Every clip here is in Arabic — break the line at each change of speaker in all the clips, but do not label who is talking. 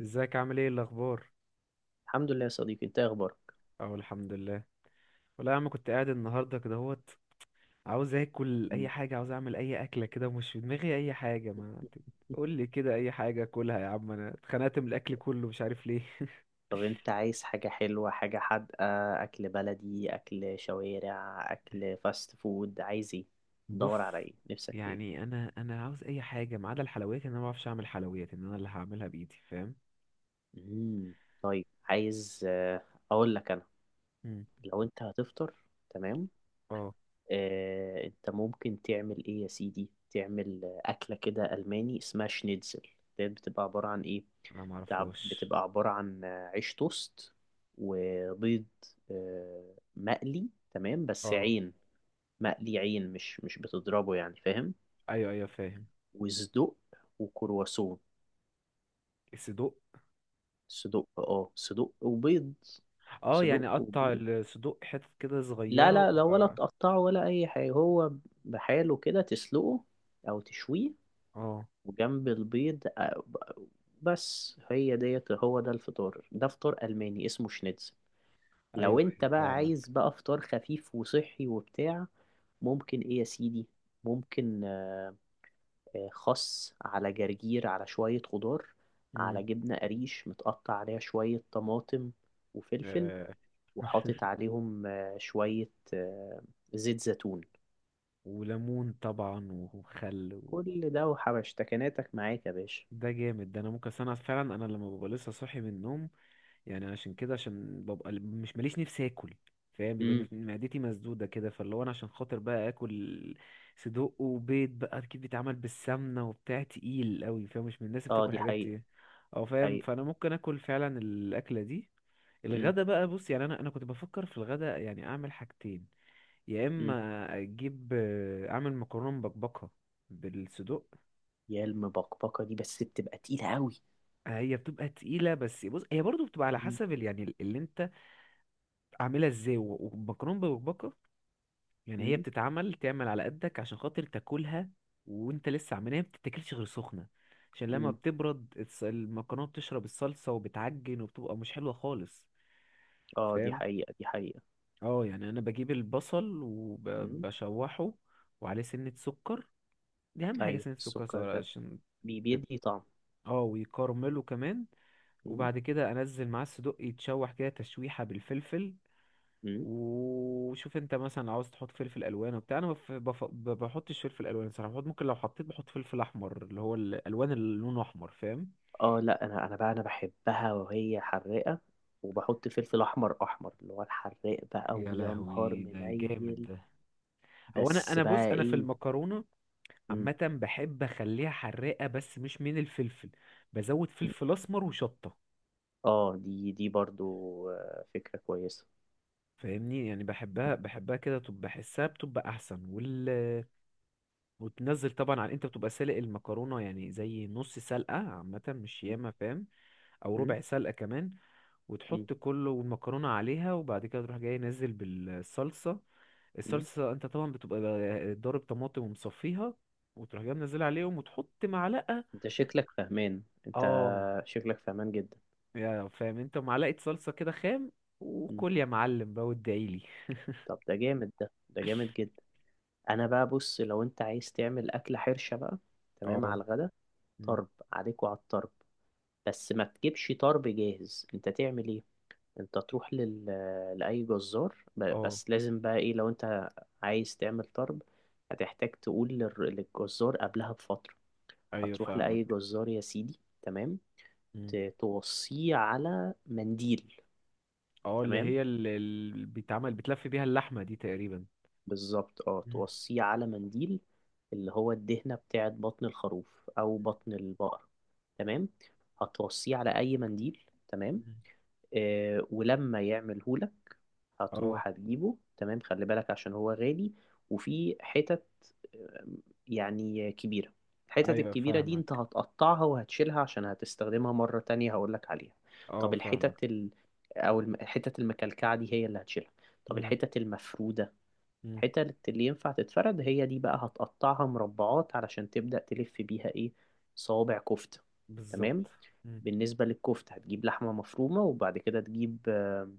ازيك؟ عامل ايه؟ الاخبار؟
الحمد لله يا صديقي، انت ايه اخبارك؟
اهو الحمد لله. والله يا عم كنت قاعد النهارده كده اهوت، عاوز اكل اي
مم.
حاجه، عاوز اعمل اي اكله كده ومش في دماغي اي حاجه. ما قول لي كده اي حاجه اكلها يا عم، انا اتخنقت من الاكل كله مش عارف ليه.
طب انت عايز حاجة حلوة حاجة حادقة؟ اكل بلدي، اكل شوارع، اكل فاست فود، عايز ايه؟ دور على
بص،
ايه؟ نفسك في ايه؟
يعني انا عاوز اي حاجه ما عدا الحلويات، ان انا ما بعرفش اعمل حلويات، ان انا اللي هعملها بايدي. فاهم؟
مم. طيب، عايز اقول لك انا.
مم.
لو انت هتفطر، تمام،
اه
انت ممكن تعمل ايه يا سيدي، تعمل اكله كده الماني اسمها شنيتزل. ديت بتبقى عباره عن ايه؟
انا ما اعرفهاش.
بتبقى عباره عن عيش توست وبيض مقلي، تمام، بس
اه
عين. مقلي عين، مش بتضربه يعني، فاهم؟
ايوه ايوه فاهم.
وصدق وكرواسون.
الصدوق؟
صدق وبيض.
اه
صدق
يعني اقطع
وبيض.
الصدوق حتت كده
لا،
صغيره.
لا، لا، ولا تقطعه ولا اي حاجه، هو بحاله كده، تسلقه او تشويه.
اه
وجنب البيض. بس هي ديت، هو ده الفطار، ده فطار ألماني اسمه شنيتزل. لو
ايوه
انت
ايوه
بقى عايز
فاهمك.
بقى فطار خفيف وصحي وبتاع، ممكن ايه يا سيدي، ممكن خس على جرجير، على شوية خضار، على
مم.
جبنة قريش متقطع عليها شوية طماطم وفلفل،
آه،
وحاطط عليهم شوية زيت زيتون.
وليمون طبعا وخل.
كل ده وحبشتكناتك معاك يا باشا.
ده جامد ده، انا ممكن أصل انا فعلا انا لما ببقى لسه صاحي من النوم، يعني عشان كده عشان ببقى مش ماليش نفسي اكل. فاهم؟ بيبقى
امم.
معدتي مسدوده كده، فاللي هو انا عشان خاطر بقى اكل صدوق وبيض بقى اكيد بيتعمل بالسمنه وبتاع تقيل قوي. فاهم؟ مش من الناس اللي
اه،
بتاكل
دي
حاجات
حقيقة،
ايه او فاهم،
حقيقة.
فانا ممكن اكل فعلا الاكله دي.
مم.
الغدا بقى، بص يعني انا كنت بفكر في الغدا يعني اعمل حاجتين، يا
مم.
اما اجيب اعمل مكرونه مبكبكه بالصدوق.
يا، المبقبقة دي بس بتبقى تقيلة قوي.
هي بتبقى تقيله بس بص، هي برضو بتبقى على
مم.
حسب اللي انت عاملها ازاي والمكرونه مبكبكه، يعني هي
مم.
تعمل على قدك عشان خاطر تاكلها. وانت لسه عاملها ما بتتاكلش غير سخنه، عشان لما
مم.
بتبرد المكرونه بتشرب الصلصه وبتعجن وبتبقى مش حلوه خالص.
اه، دي
فاهم؟
حقيقة، دي حقيقة.
اه يعني انا بجيب البصل
مم.
وبشوحه وعليه سنة سكر. دي اهم حاجه
ايوه،
سنه السكر
السكر
صغيره
ده
عشان تك-
بيدي طعم.
اه ويكرمله كمان.
مم.
وبعد كده انزل معاه الصدوق يتشوح كده تشويحه بالفلفل.
مم.
وشوف انت مثلا لو عاوز تحط فلفل الوان وبتاع، انا بحطش فلفل الوان صراحه، بحط ممكن لو حطيت بحط فلفل احمر اللي هو الالوان اللي لونه احمر. فاهم؟
اه لا، انا بقى انا بحبها وهي حراقة. وبحط فلفل احمر احمر، اللي هو الحراق بقى،
يا
ويا نهار
لهوي ده، جامد
منيل.
ده. او انا
بس
انا بص،
بقى
انا في
ايه.
المكرونه
مم.
عامه بحب اخليها حراقه بس مش من الفلفل، بزود
مم.
فلفل اسمر وشطه.
اه، دي برضو فكرة كويسة.
فاهمني؟ يعني بحبها كده، طب بحسها بتبقى احسن. وتنزل طبعا على، انت بتبقى سالق المكرونه يعني زي نص سلقه عامه مش
مم.
ياما. فاهم؟ او
مم.
ربع سلقه كمان،
مم.
وتحط كله والمكرونه عليها، وبعد كده تروح جاي نازل بالصلصه.
مم.
الصلصه انت طبعا بتبقى ضارب طماطم ومصفيها، وتروح جاي منزل عليهم وتحط معلقه.
انت
اه
شكلك فهمان جدا.
يا فاهم انت، معلقه صلصه كده خام، وكل يا معلم بقى وادعيلي.
طب ده جامد، ده جامد جدا. انا بقى، بص، لو انت عايز تعمل اكله حرشه بقى، تمام
اه.
على الغدا.
مم.
طرب عليك وعلى الطرب. بس ما تجيبش طرب جاهز، انت تعمل ايه؟ انت تروح لاي جزار،
اه
بس لازم بقى ايه لو انت عايز تعمل طرب. هتحتاج تقول للجزار قبلها بفتره.
ايوه
هتروح لاي
فاهمك.
جزار يا سيدي، تمام.
مم.
توصيه على منديل،
اه اللي
تمام.
هي اللي بيتعمل بتلف بيها اللحمة دي تقريبا.
بالظبط، اه،
مم.
توصيه على منديل. اللي هو الدهنة بتاعت بطن الخروف أو بطن البقر، تمام. هتوصيه على أي منديل، تمام.
مم.
ولما يعملهولك،
اه
هتروح هتجيبه، تمام، خلي بالك عشان هو غالي. وفي حتت آه، يعني كبيرة. الحتت
ايوه
الكبيرة دي انت
فاهمك.
هتقطعها وهتشيلها عشان هتستخدمها مرة تانية، هقولك عليها.
اه
طب
فاهمك.
الحتت أو الحتت المكلكعة دي هي اللي هتشيلها. طب
مم.
الحتت المفرودة،
مم.
الحتت اللي ينفع تتفرد هي دي بقى، هتقطعها مربعات علشان تبدأ تلف بيها ايه؟ صوابع كفتة. تمام.
بالظبط. مم.
بالنسبة للكفتة، هتجيب لحمة مفرومة، وبعد كده تجيب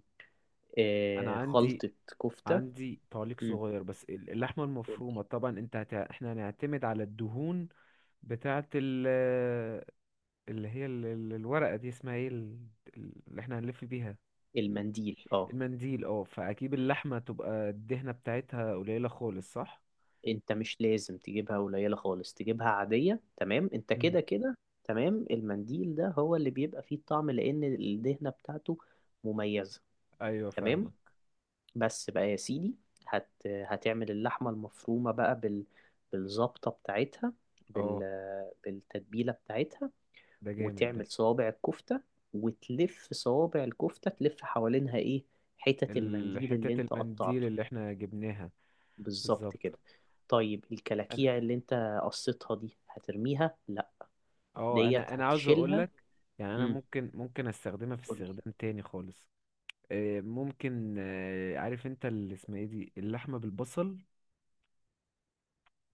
انا عندي،
خلطة كفتة.
عندي تعليق
مم.
صغير بس، اللحمه
قولي.
المفرومه طبعا انت احنا هنعتمد على الدهون بتاعه اللي هي الورقه دي اسمها ايه، اللي احنا هنلف بيها.
المنديل، اه.
المنديل اه، فاكيد
مم.
اللحمه تبقى الدهنه بتاعتها قليله خالص، صح؟
انت مش لازم تجيبها قليلة خالص، تجيبها عادية، تمام، انت
مم.
كده كده. تمام، المنديل ده هو اللي بيبقى فيه الطعم، لأن الدهنة بتاعته مميزة.
ايوه
تمام.
فاهمك.
بس بقى يا سيدي، هتعمل اللحمة المفرومة بقى بالظبطة بتاعتها، بال...
اه
بالتتبيلة بتاعتها.
ده جامد ده.
وتعمل صوابع الكفتة. وتلف صوابع الكفتة تلف حوالينها ايه؟ حتت المنديل اللي
الحتة
انت
المنديل
قطعته.
اللي احنا جبناها.
بالظبط
بالظبط.
كده. طيب
انا،
الكلاكيع اللي انت قصيتها دي هترميها؟ لا،
اه،
ديت
انا عاوز اقول
هتشيلها.
لك يعني، انا
امم.
ممكن استخدمها في
قولي.
استخدام تاني خالص. ممكن، عارف انت اللي اسمها ايه دي، اللحمة بالبصل،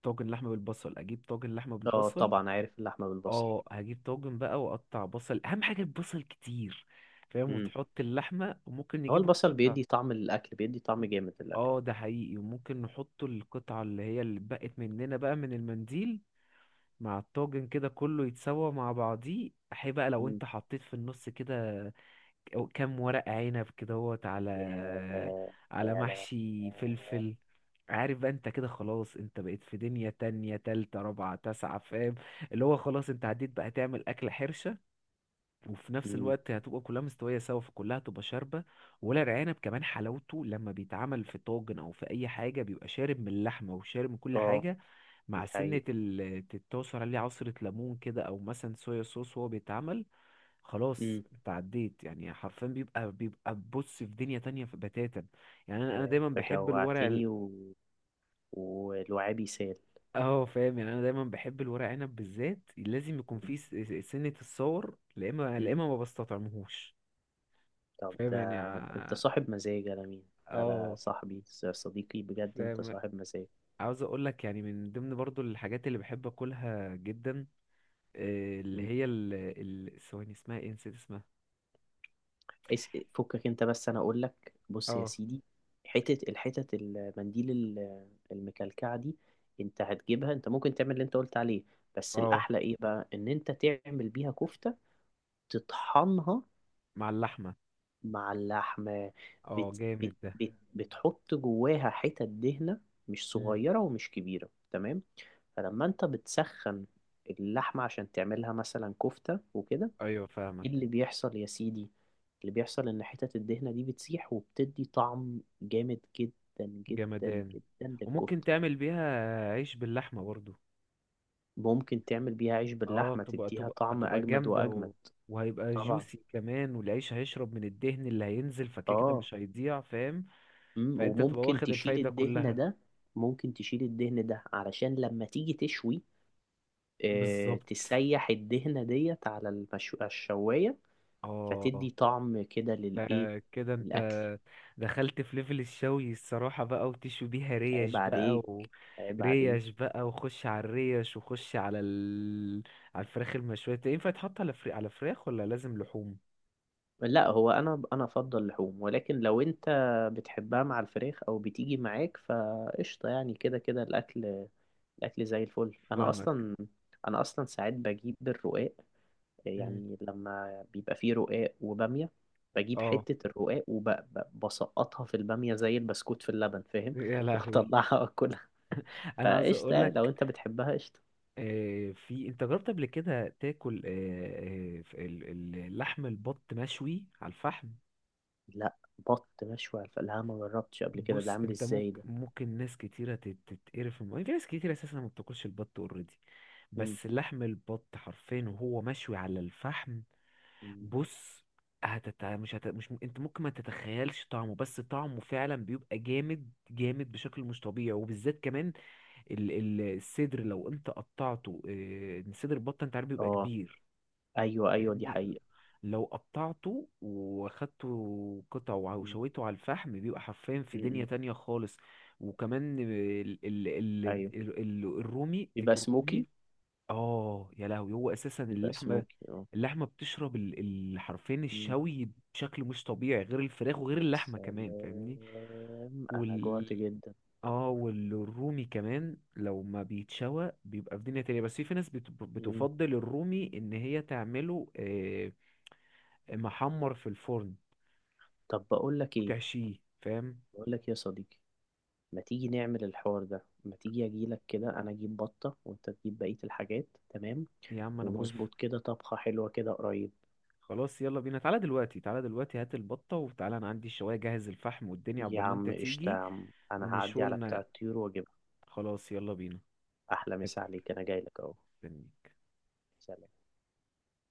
طاجن لحمة بالبصل، اجيب طاجن لحمة
اه،
بالبصل.
طبعا عارف اللحمة بالبصل.
اه هجيب طاجن بقى واقطع بصل، اهم حاجة البصل كتير. فاهم؟
امم.
وتحط اللحمة وممكن
هو
نجيب
البصل
القطع.
بيدي طعم، الأكل بيدي طعم جامد للأكل.
اه ده حقيقي، وممكن نحط القطعة اللي هي اللي بقت مننا بقى من المنديل مع الطاجن كده كله، يتسوى مع بعضيه. احي بقى لو انت حطيت في النص كده أو كام ورق عنب كده هوت على،
ياه.
على
يا لا.
محشي فلفل. عارف بقى؟ انت كده خلاص انت بقيت في دنيا تانية تالتة رابعة تاسعة. فاهم؟ اللي هو خلاص انت عديت بقى، هتعمل أكلة حرشة وفي نفس
أمم.
الوقت هتبقى كلها مستوية سوا، فكلها هتبقى شاربة. ولا العنب كمان حلاوته لما بيتعمل في طاجن أو في أي حاجة بيبقى شارب من اللحمة وشارب من كل
اه،
حاجة، مع
دي
سنة
حقيقة.
تتعصر عليه عصرة ليمون كده أو مثلا صويا صوص وهو بيتعمل. خلاص
أمم.
انت عديت يعني حرفيا، بيبقى بص في دنيا تانية في بتاتا. يعني أنا
يا
دايما
انت
بحب الورق.
جوعتني والوعي بيسال.
اه فاهم؟ يعني أنا دايما بحب الورق عنب بالذات لازم يكون فيه سنة الصور، لا إما لا
أمم.
إما ما بستطعمهوش.
طب
فاهم
ده،
يعني
انت صاحب مزاج على مين؟ على
اه
صاحبي، صديقي، بجد انت
فاهم.
صاحب مزاج.
عاوز اقول لك يعني من ضمن برضو الحاجات اللي بحب اكلها جدا، اللي
أمم.
هي ثواني اسمها ايه، نسيت اسمها.
اس... فكك انت، بس انا اقول لك، بص يا
اه.
سيدي، الحتة المنديل المكلكعة دي، انت هتجيبها، انت ممكن تعمل اللي انت قلت عليه. بس
اه
الاحلى ايه بقى، ان انت تعمل بيها كفتة. تطحنها
مع اللحمة.
مع اللحمة.
اه
بت بت
جامد ده.
بت بتحط جواها حتت دهنة، مش
مم.
صغيرة ومش كبيرة، تمام. فلما انت بتسخن اللحمة عشان تعملها مثلا كفتة وكده،
ايوه
ايه
فاهمك.
اللي بيحصل يا سيدي؟ اللي بيحصل ان حتت الدهنة دي بتسيح وبتدي طعم جامد، جدا جدا
جمدان.
جدا،
وممكن
للكفتة.
تعمل بيها عيش باللحمة برضو.
ممكن تعمل بيها عيش
اه
باللحمة،
تبقى
تديها
تبقى
طعم
تبقى
اجمد
جامدة
واجمد.
و... وهيبقى
طبعا.
جوسي كمان، والعيش هيشرب من الدهن اللي هينزل، فكده كده
اه.
مش هيضيع. فاهم؟
مم.
فانت تبقى
وممكن
واخد
تشيل
الفايدة
الدهن
كلها.
ده. ممكن تشيل الدهن ده علشان لما تيجي تشوي،
بالظبط.
تسيح الدهنة ديت على على الشواية.
اه
فتدي طعم كده
ده
للإيه؟
كده انت
للأكل.
دخلت في ليفل الشوي الصراحة بقى، وتشوي بيها
عيب
ريش بقى
عليك،
و
عيب عليك.
ريش بقى، وخش على الريش وخش على على الفراخ المشوية. انت ينفع يتحط على على فراخ ولا لازم لحوم؟
لا، هو أنا أفضل لحوم، ولكن لو أنت بتحبها مع الفراخ أو بتيجي معاك فقشطة، يعني كده كده الأكل الأكل زي الفل. أنا
فاهمك.
أصلا أنا أصلا ساعات بجيب الرقاق.
مم.
يعني لما بيبقى فيه رقاق وبامية، بجيب
اه
حتة الرقاق وبسقطها في البامية، زي البسكوت في اللبن، فاهم؟
يا لهوي.
واطلعها واكلها.
انا عايز
فقشطة
اقول
يعني لو
لك،
انت بتحبها قشطة.
في انت جربت قبل كده تاكل اللحم البط مشوي على الفحم؟
لا، بط مشوي على الفلاحة ما جربتش قبل كده، ده
بص
عامل
انت
ازاي
ممكن،
ده؟
ناس كتيرة تتقرف في ناس كتيرة اساسا ما بتاكلش البط اوريدي،
مم.
بس لحم البط حرفيا وهو مشوي على الفحم،
مم.
بص، هتت... مش هت... مش م- انت ممكن ما تتخيلش طعمه، بس طعمه فعلا بيبقى جامد جامد بشكل مش طبيعي، وبالذات كمان الصدر لو انت قطعته، اه، صدر البط انت عارف بيبقى
اه،
كبير.
ايوه، ايوه، دي
فاهمني؟
حقيقة.
لو قطعته واخدته قطع
مم.
وشويته على الفحم بيبقى حرفيا في
مم.
دنيا
مم.
تانية خالص. وكمان ال ال ال
ايوه،
ال ال الرومي،
بيبقى
ديك الرومي.
سموكي.
اه يا لهوي، هو اساسا
بيبقى
اللحمه،
سموكي، اه.
اللحمه حرفيا
مم.
الشوي بشكل مش طبيعي، غير الفراخ وغير
يا
اللحمه كمان. فاهمني؟
سلام، انا
وال
جوعت جدا.
اه والرومي كمان لو ما بيتشوى بيبقى في دنيا تانية، بس في ناس
مم.
بتفضل الرومي ان هي تعمله، محمر في الفرن
طب
وتحشيه. فاهم؟
بقول لك يا صديقي، ما تيجي نعمل الحوار ده، ما تيجي اجيلك كده، انا اجيب بطة وانت تجيب بقية الحاجات، تمام،
يا عم انا موافق.
ونظبط كده طبخة حلوة كده قريب.
خلاص يلا بينا، تعالى دلوقتي، تعالى دلوقتي هات البطة وتعالى، انا عندي الشواية، جهز الفحم والدنيا
يا
عقبال ما انت
عم قشطة، يا
تيجي
عم، انا هعدي على بتاع
ونشولنا.
الطيور واجيبها.
خلاص يلا بينا.
احلى مسا عليك، انا جايلك اهو.
مستنيك.
سلام.